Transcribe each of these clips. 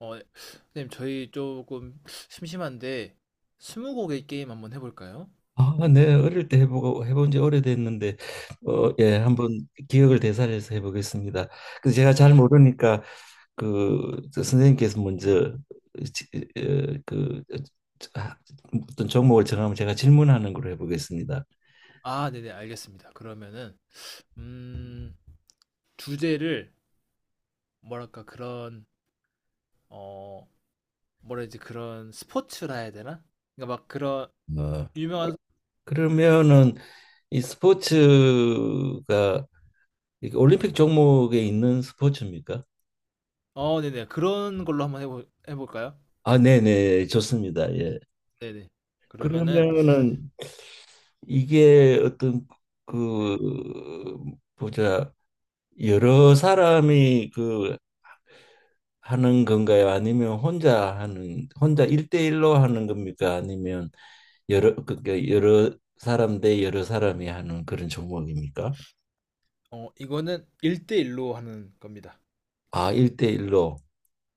어, 네. 선생님, 저희 조금 심심한데, 스무고개 게임 한번 해볼까요? 아, 네, 어릴 때 해보고 해본 지 오래됐는데, 한번 기억을 되살려서 해보겠습니다. 제가 잘 모르니까 그저 선생님께서 먼저 지- 어, 그 아, 어떤 종목을 정하면 제가 질문하는 걸로 해보겠습니다. 아, 네네, 알겠습니다. 그러면은, 음, 주제를, 뭐랄까, 그런, 어, 뭐라 해야지, 그런 스포츠라 해야 되나? 그러니까 막 그런, 어, 유명한, 그러면은 이 스포츠가 이게 올림픽 종목에 있는 스포츠입니까? 네네, 그런 걸로 한번 해볼까요? 아, 네네, 좋습니다. 예. 네네. 그러면은, 그러면은 이게 어떤 네. 그 보자 여러 사람이 하는 건가요? 아니면 혼자 하는 혼자 일대일로 하는 겁니까? 아니면 여러 사람 대 여러 사람이 하는 그런 종목입니까? 이거는 일대일로 하는 겁니다. 아, 일대일로.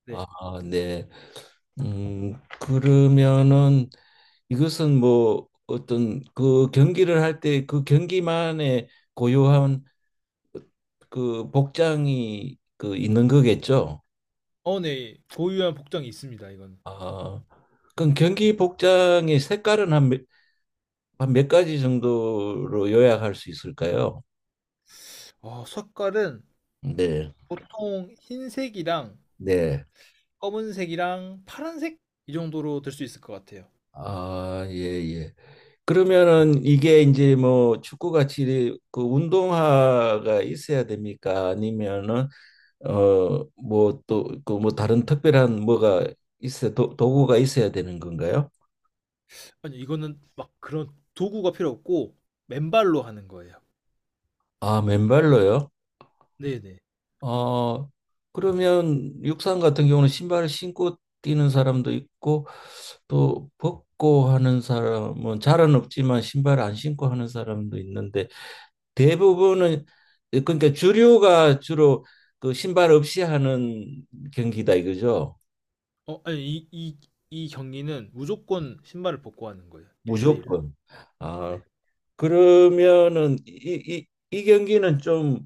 네. 아, 네. 음, 그러면은 이것은 뭐 어떤 그 경기를 할 때 그 경기만의 고유한 그 복장이 그 있는 거겠죠? 네, 고유한 복장이 있습니다, 이건. 아, 그럼 경기 복장의 색깔은 한몇 가지 정도로 요약할 수 있을까요? 색깔은 네, 보통 흰색이랑 네. 검은색이랑 파란색 이 정도로 될 수 있을 것 같아요. 아, 예, 예. 그러면은 이게 이제 뭐 축구같이 그 운동화가 있어야 됩니까? 아니면은 뭐 또 그 뭐 다른 특별한 뭐가 도구가 있어야 되는 건가요? 아니 이거는 막 그런 도구가 필요 없고 맨발로 하는 거예요. 아, 맨발로요? 네네. 어 그러면 육상 같은 경우는 신발을 신고 뛰는 사람도 있고 또 벗고 하는 사람은 잘은 없지만 신발 안 신고 하는 사람도 있는데 대부분은 그러니까 주류가 주로 그 신발 없이 하는 경기다 이거죠. 아니 이 경기는 무조건 신발을 벗고 하는 거예요. 일대일로. 무조건. 아, 네. 그러면은 이 경기는 좀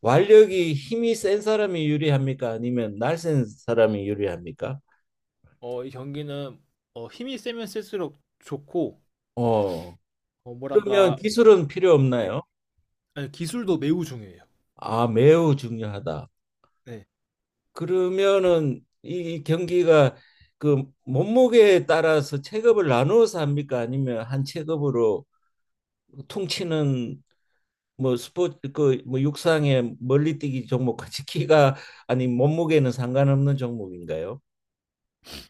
완력이 힘이 센 사람이 유리합니까? 아니면 날쌘 사람이 유리합니까? 어이 경기는 힘이 세면 셀수록 좋고 어. 그러면 뭐랄까. 기술은 필요 네. 없나요? 아니, 기술도 매우 중요해요. 아, 매우 중요하다. 네. 그러면은 이 경기가 그 몸무게에 따라서 체급을 나누어서 합니까? 아니면 한 체급으로 보통 치는 뭐 스포츠 그뭐 육상의 멀리뛰기 종목같이 키가 아니 몸무게는 상관없는 종목인가요?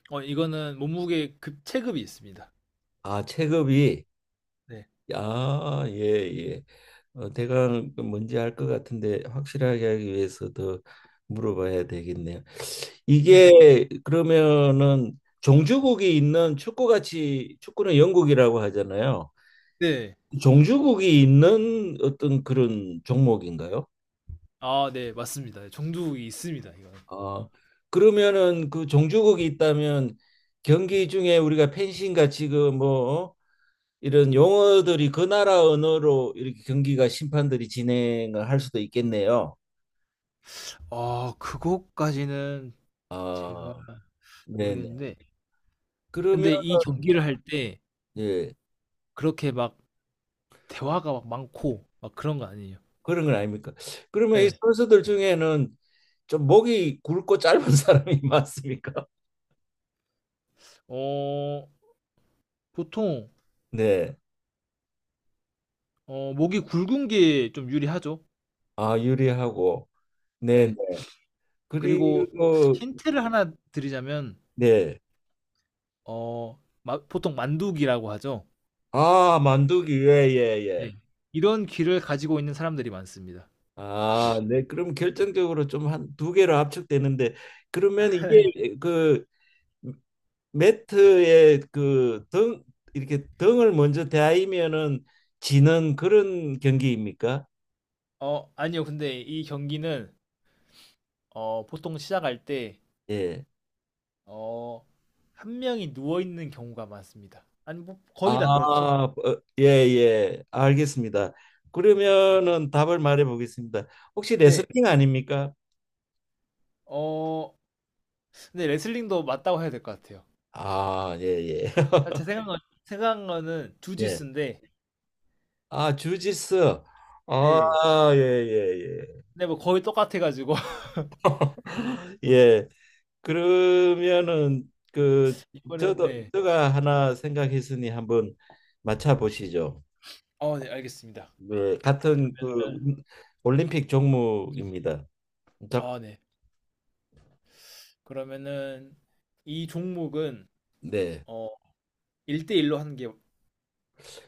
이거는 몸무게 급 체급이 있습니다. 아, 체급이. 네. 아, 예, 예. 어, 대강 뭔지 알 것 같은데 확실하게 하기 위해서 더 물어봐야 되겠네요. 네. 이게 그러면은 종주국이 있는, 축구같이 축구는 영국이라고 하잖아요. 네. 종주국이 있는 어떤 그런 종목인가요? 아, 네, 맞습니다. 정두이 있습니다, 이건. 어, 그러면은 그 종주국이 있다면 경기 중에 우리가 펜싱 같이 그뭐 어? 이런 용어들이 그 나라 언어로 이렇게 경기가 심판들이 진행을 할 수도 있겠네요. 아, 그것까지는 제가 아, 네네. 모르겠는데 그러면 근데 이 경기를 할 때 예, 그렇게 막 대화가 막 많고 막 그런 거 아니에요. 그런 건 아닙니까? 그러면 이 예. 선수들 중에는 좀 목이 굵고 짧은 사람이 많습니까? 어, 보통 네. 목이 굵은 게 좀 유리하죠. 아 유리하고. 예. 네네. 그리고 그리고. 힌트를 하나 드리자면 네. 어, 보통 만두기라고 하죠. 아 만두기. 예, 예, 예. 네. 이런 귀를 가지고 있는 사람들이 많습니다. 아, 네. 그럼 결정적으로 좀 한 두 개로 압축되는데 그러면 이게 그 매트에 그 등 이렇게 등을 먼저 대하면은 지는 그런 경기입니까? 아니요. 근데 이 경기는 보통 시작할 때 예. 어, 한 명이 누워 있는 경우가 많습니다. 아니 뭐 아, 거의 다 그렇죠. 어, 예, 예. 알겠습니다. 네. 그러면은 답을 말해 보겠습니다. 혹시 네. 레슬링 아닙니까? 어 근데 레슬링도 맞다고 해야 될 것 같아요. 아, 예, 예. 아 제 생각은 생각한 거는 예. 주짓수인데. 아, 주짓수. 네. 아, 예, 예, 근데 뭐 거의 똑같아 가지고. 예. 예. 그러면은 그 이거는 저도 네. 제가 하나 생각했으니 한번 맞춰 보시죠. 네, 알겠습니다. 네, 그러 같은 그 면 올림픽 종목입니다. 자, 아 네. 그러면은 이 종목은 네. 어 1 대1로 하는 게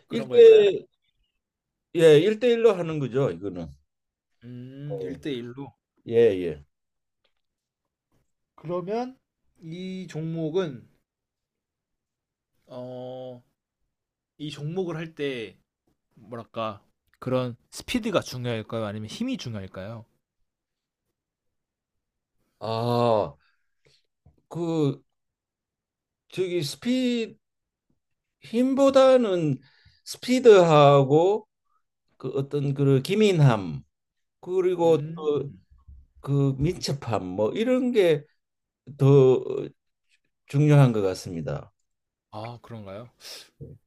그런 걸까요? 일대. 예, 일대일로 하는 거죠, 이거는. 네. 1대1 로. 예, 예. 그러면 이 종목은 어 이 종목을 할 때 뭐랄까 그런 스피드가 중요할까요? 아니면 힘이 중요할까요? 아, 그 저기 스피 힘보다는 스피드하고 그 어떤 그 기민함 그리고 음. 또 그 민첩함 뭐 이런 게더 중요한 것 같습니다. 아 그런가요?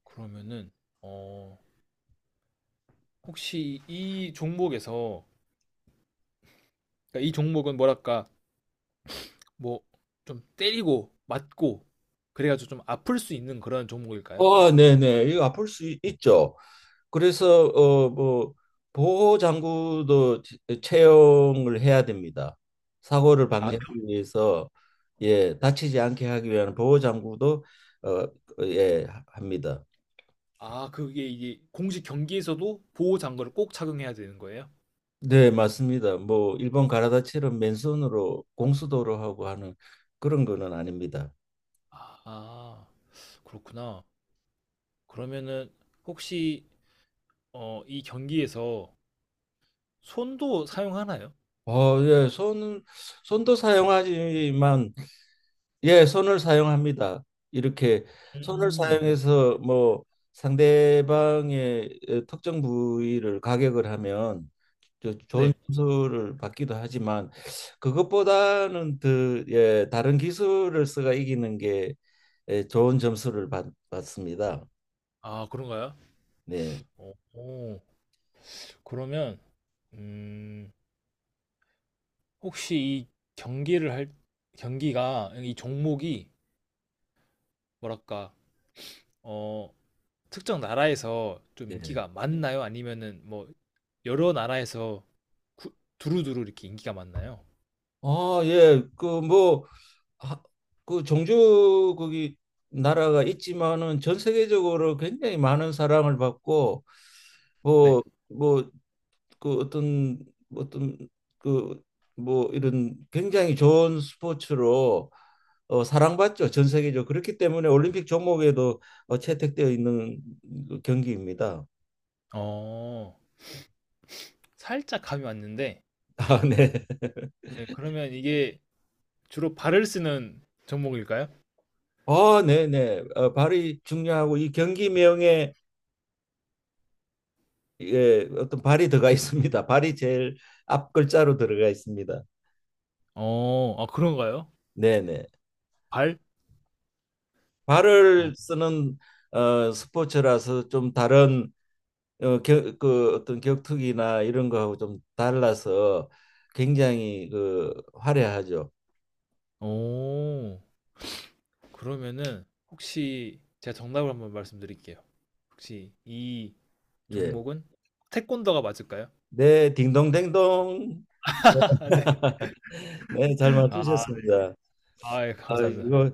그러면은 어 혹시 이 종목에서 그러니까 이 종목은 뭐랄까 뭐 좀 때리고 맞고 그래가지고 좀 아플 수 있는 그런 종목일까요? 아, 네네. 이거 아플 수 있- 있죠. 그래서 뭐 보호 장구도 채용을 해야 됩니다. 사고를 아, 방지하기 위해서 예, 다치지 않게 하기 위한 보호 장구도 어, 예, 합니다. 아 그게 이게 공식 경기에서도 보호 장구를 꼭 착용해야 되는 거예요? 네, 맞습니다. 뭐 일본 가라다처럼 맨손으로 공수도로 하고 하는 그런 거는 아닙니다. 아 그렇구나. 그러면은 혹시 이 경기에서 손도 사용하나요? 손은 손도 사용하지만 예, 손을 사용합니다. 이렇게 손을 음, 사용해서 뭐 상대방의 에, 특정 부위를 가격을 하면 좋은 네. 점수를 받기도 하지만 그것보다는 더 예, 다른 기술을 써가 이기는 게 예, 받습니다. 아 그런가요? 네. 오, 그러면 음. 혹시 이 경기를 할 경기가 이 종목이 뭐랄까 어 특정 나라에서 좀 네. 인기가 많나요? 아니면은 뭐 여러 나라에서 구- 두루두루 이렇게 인기가 많나요? 아, 예. 그 종주국이 나라가 있지만은 전 세계적으로 굉장히 많은 사랑을 받고 네. 뭐 뭐 그 어떤 뭐 어떤 그 뭐 이런 굉장히 좋은 스포츠로 어, 사랑받죠. 전 세계적으로 그렇기 때문에 올림픽 종목에도 어, 채택되어 있는 그 경기입니다. 어 살짝 감이 왔는데. 아, 네. 네, 그러면 이게 주로 발을 쓰는 종목일까요? 어, 네, 네. 발이 중요하고 이 경기 명에 예, 어떤 발이 들어가 있습니다. 발이 제일 앞 글자로 들어가 있습니다. 아 그런가요? 네, 네. 발? 어. 발을 쓰는 어, 스포츠라서 좀 다른 그 어떤 격투기나 이런 거하고 좀 달라서 굉장히 그 화려하죠. 오, 그러면은 혹시 제가 정답을 한번 말씀드릴게요. 혹시 이 예. 종목은 태권도가 맞을까요? 네, 딩동댕동. 아 네. 네, 잘 아 네. 맞추셨습니다. 아 예 아, 감사합니다. 이거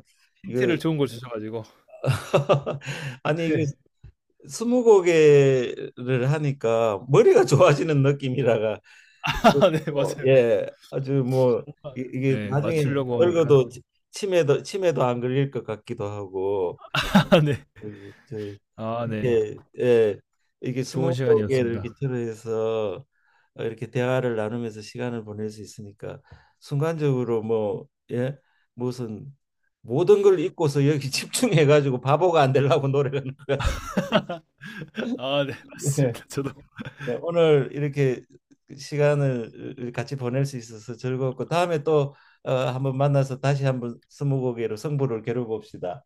이거 힌트를 좋은 걸 주셔 가지고. 아니 이거 네. 스무고개를 하니까 머리가 좋아지는 느낌이라가 아 네 어, 맞아요. 예, 아주 뭐 이게 네 나중에 맞추려고 하니까. 늙어도 치매도 안 걸릴 것 같기도 하고 아 네. 그, 저 아 네. 이렇게 예, 이게 좋은 스무고개를 시간이었습니다. 기초로 해서 어, 이렇게 대화를 나누면서 시간을 보낼 수 있으니까 순간적으로 뭐 예, 무슨 모든 걸 잊고서 여기 집중해 가지고 바보가 안 되려고 노력하는 것 같습니다. 아 네 네. 맞습니다. 저도 네, 오늘 이렇게 시간을 같이 보낼 수 있어서 즐거웠고 다음에 또 어, 한번 만나서 다시 한번 스무고개로 승부를 겨뤄 봅시다.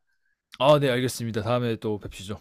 아 네 알겠습니다. 다음에 또 뵙시죠.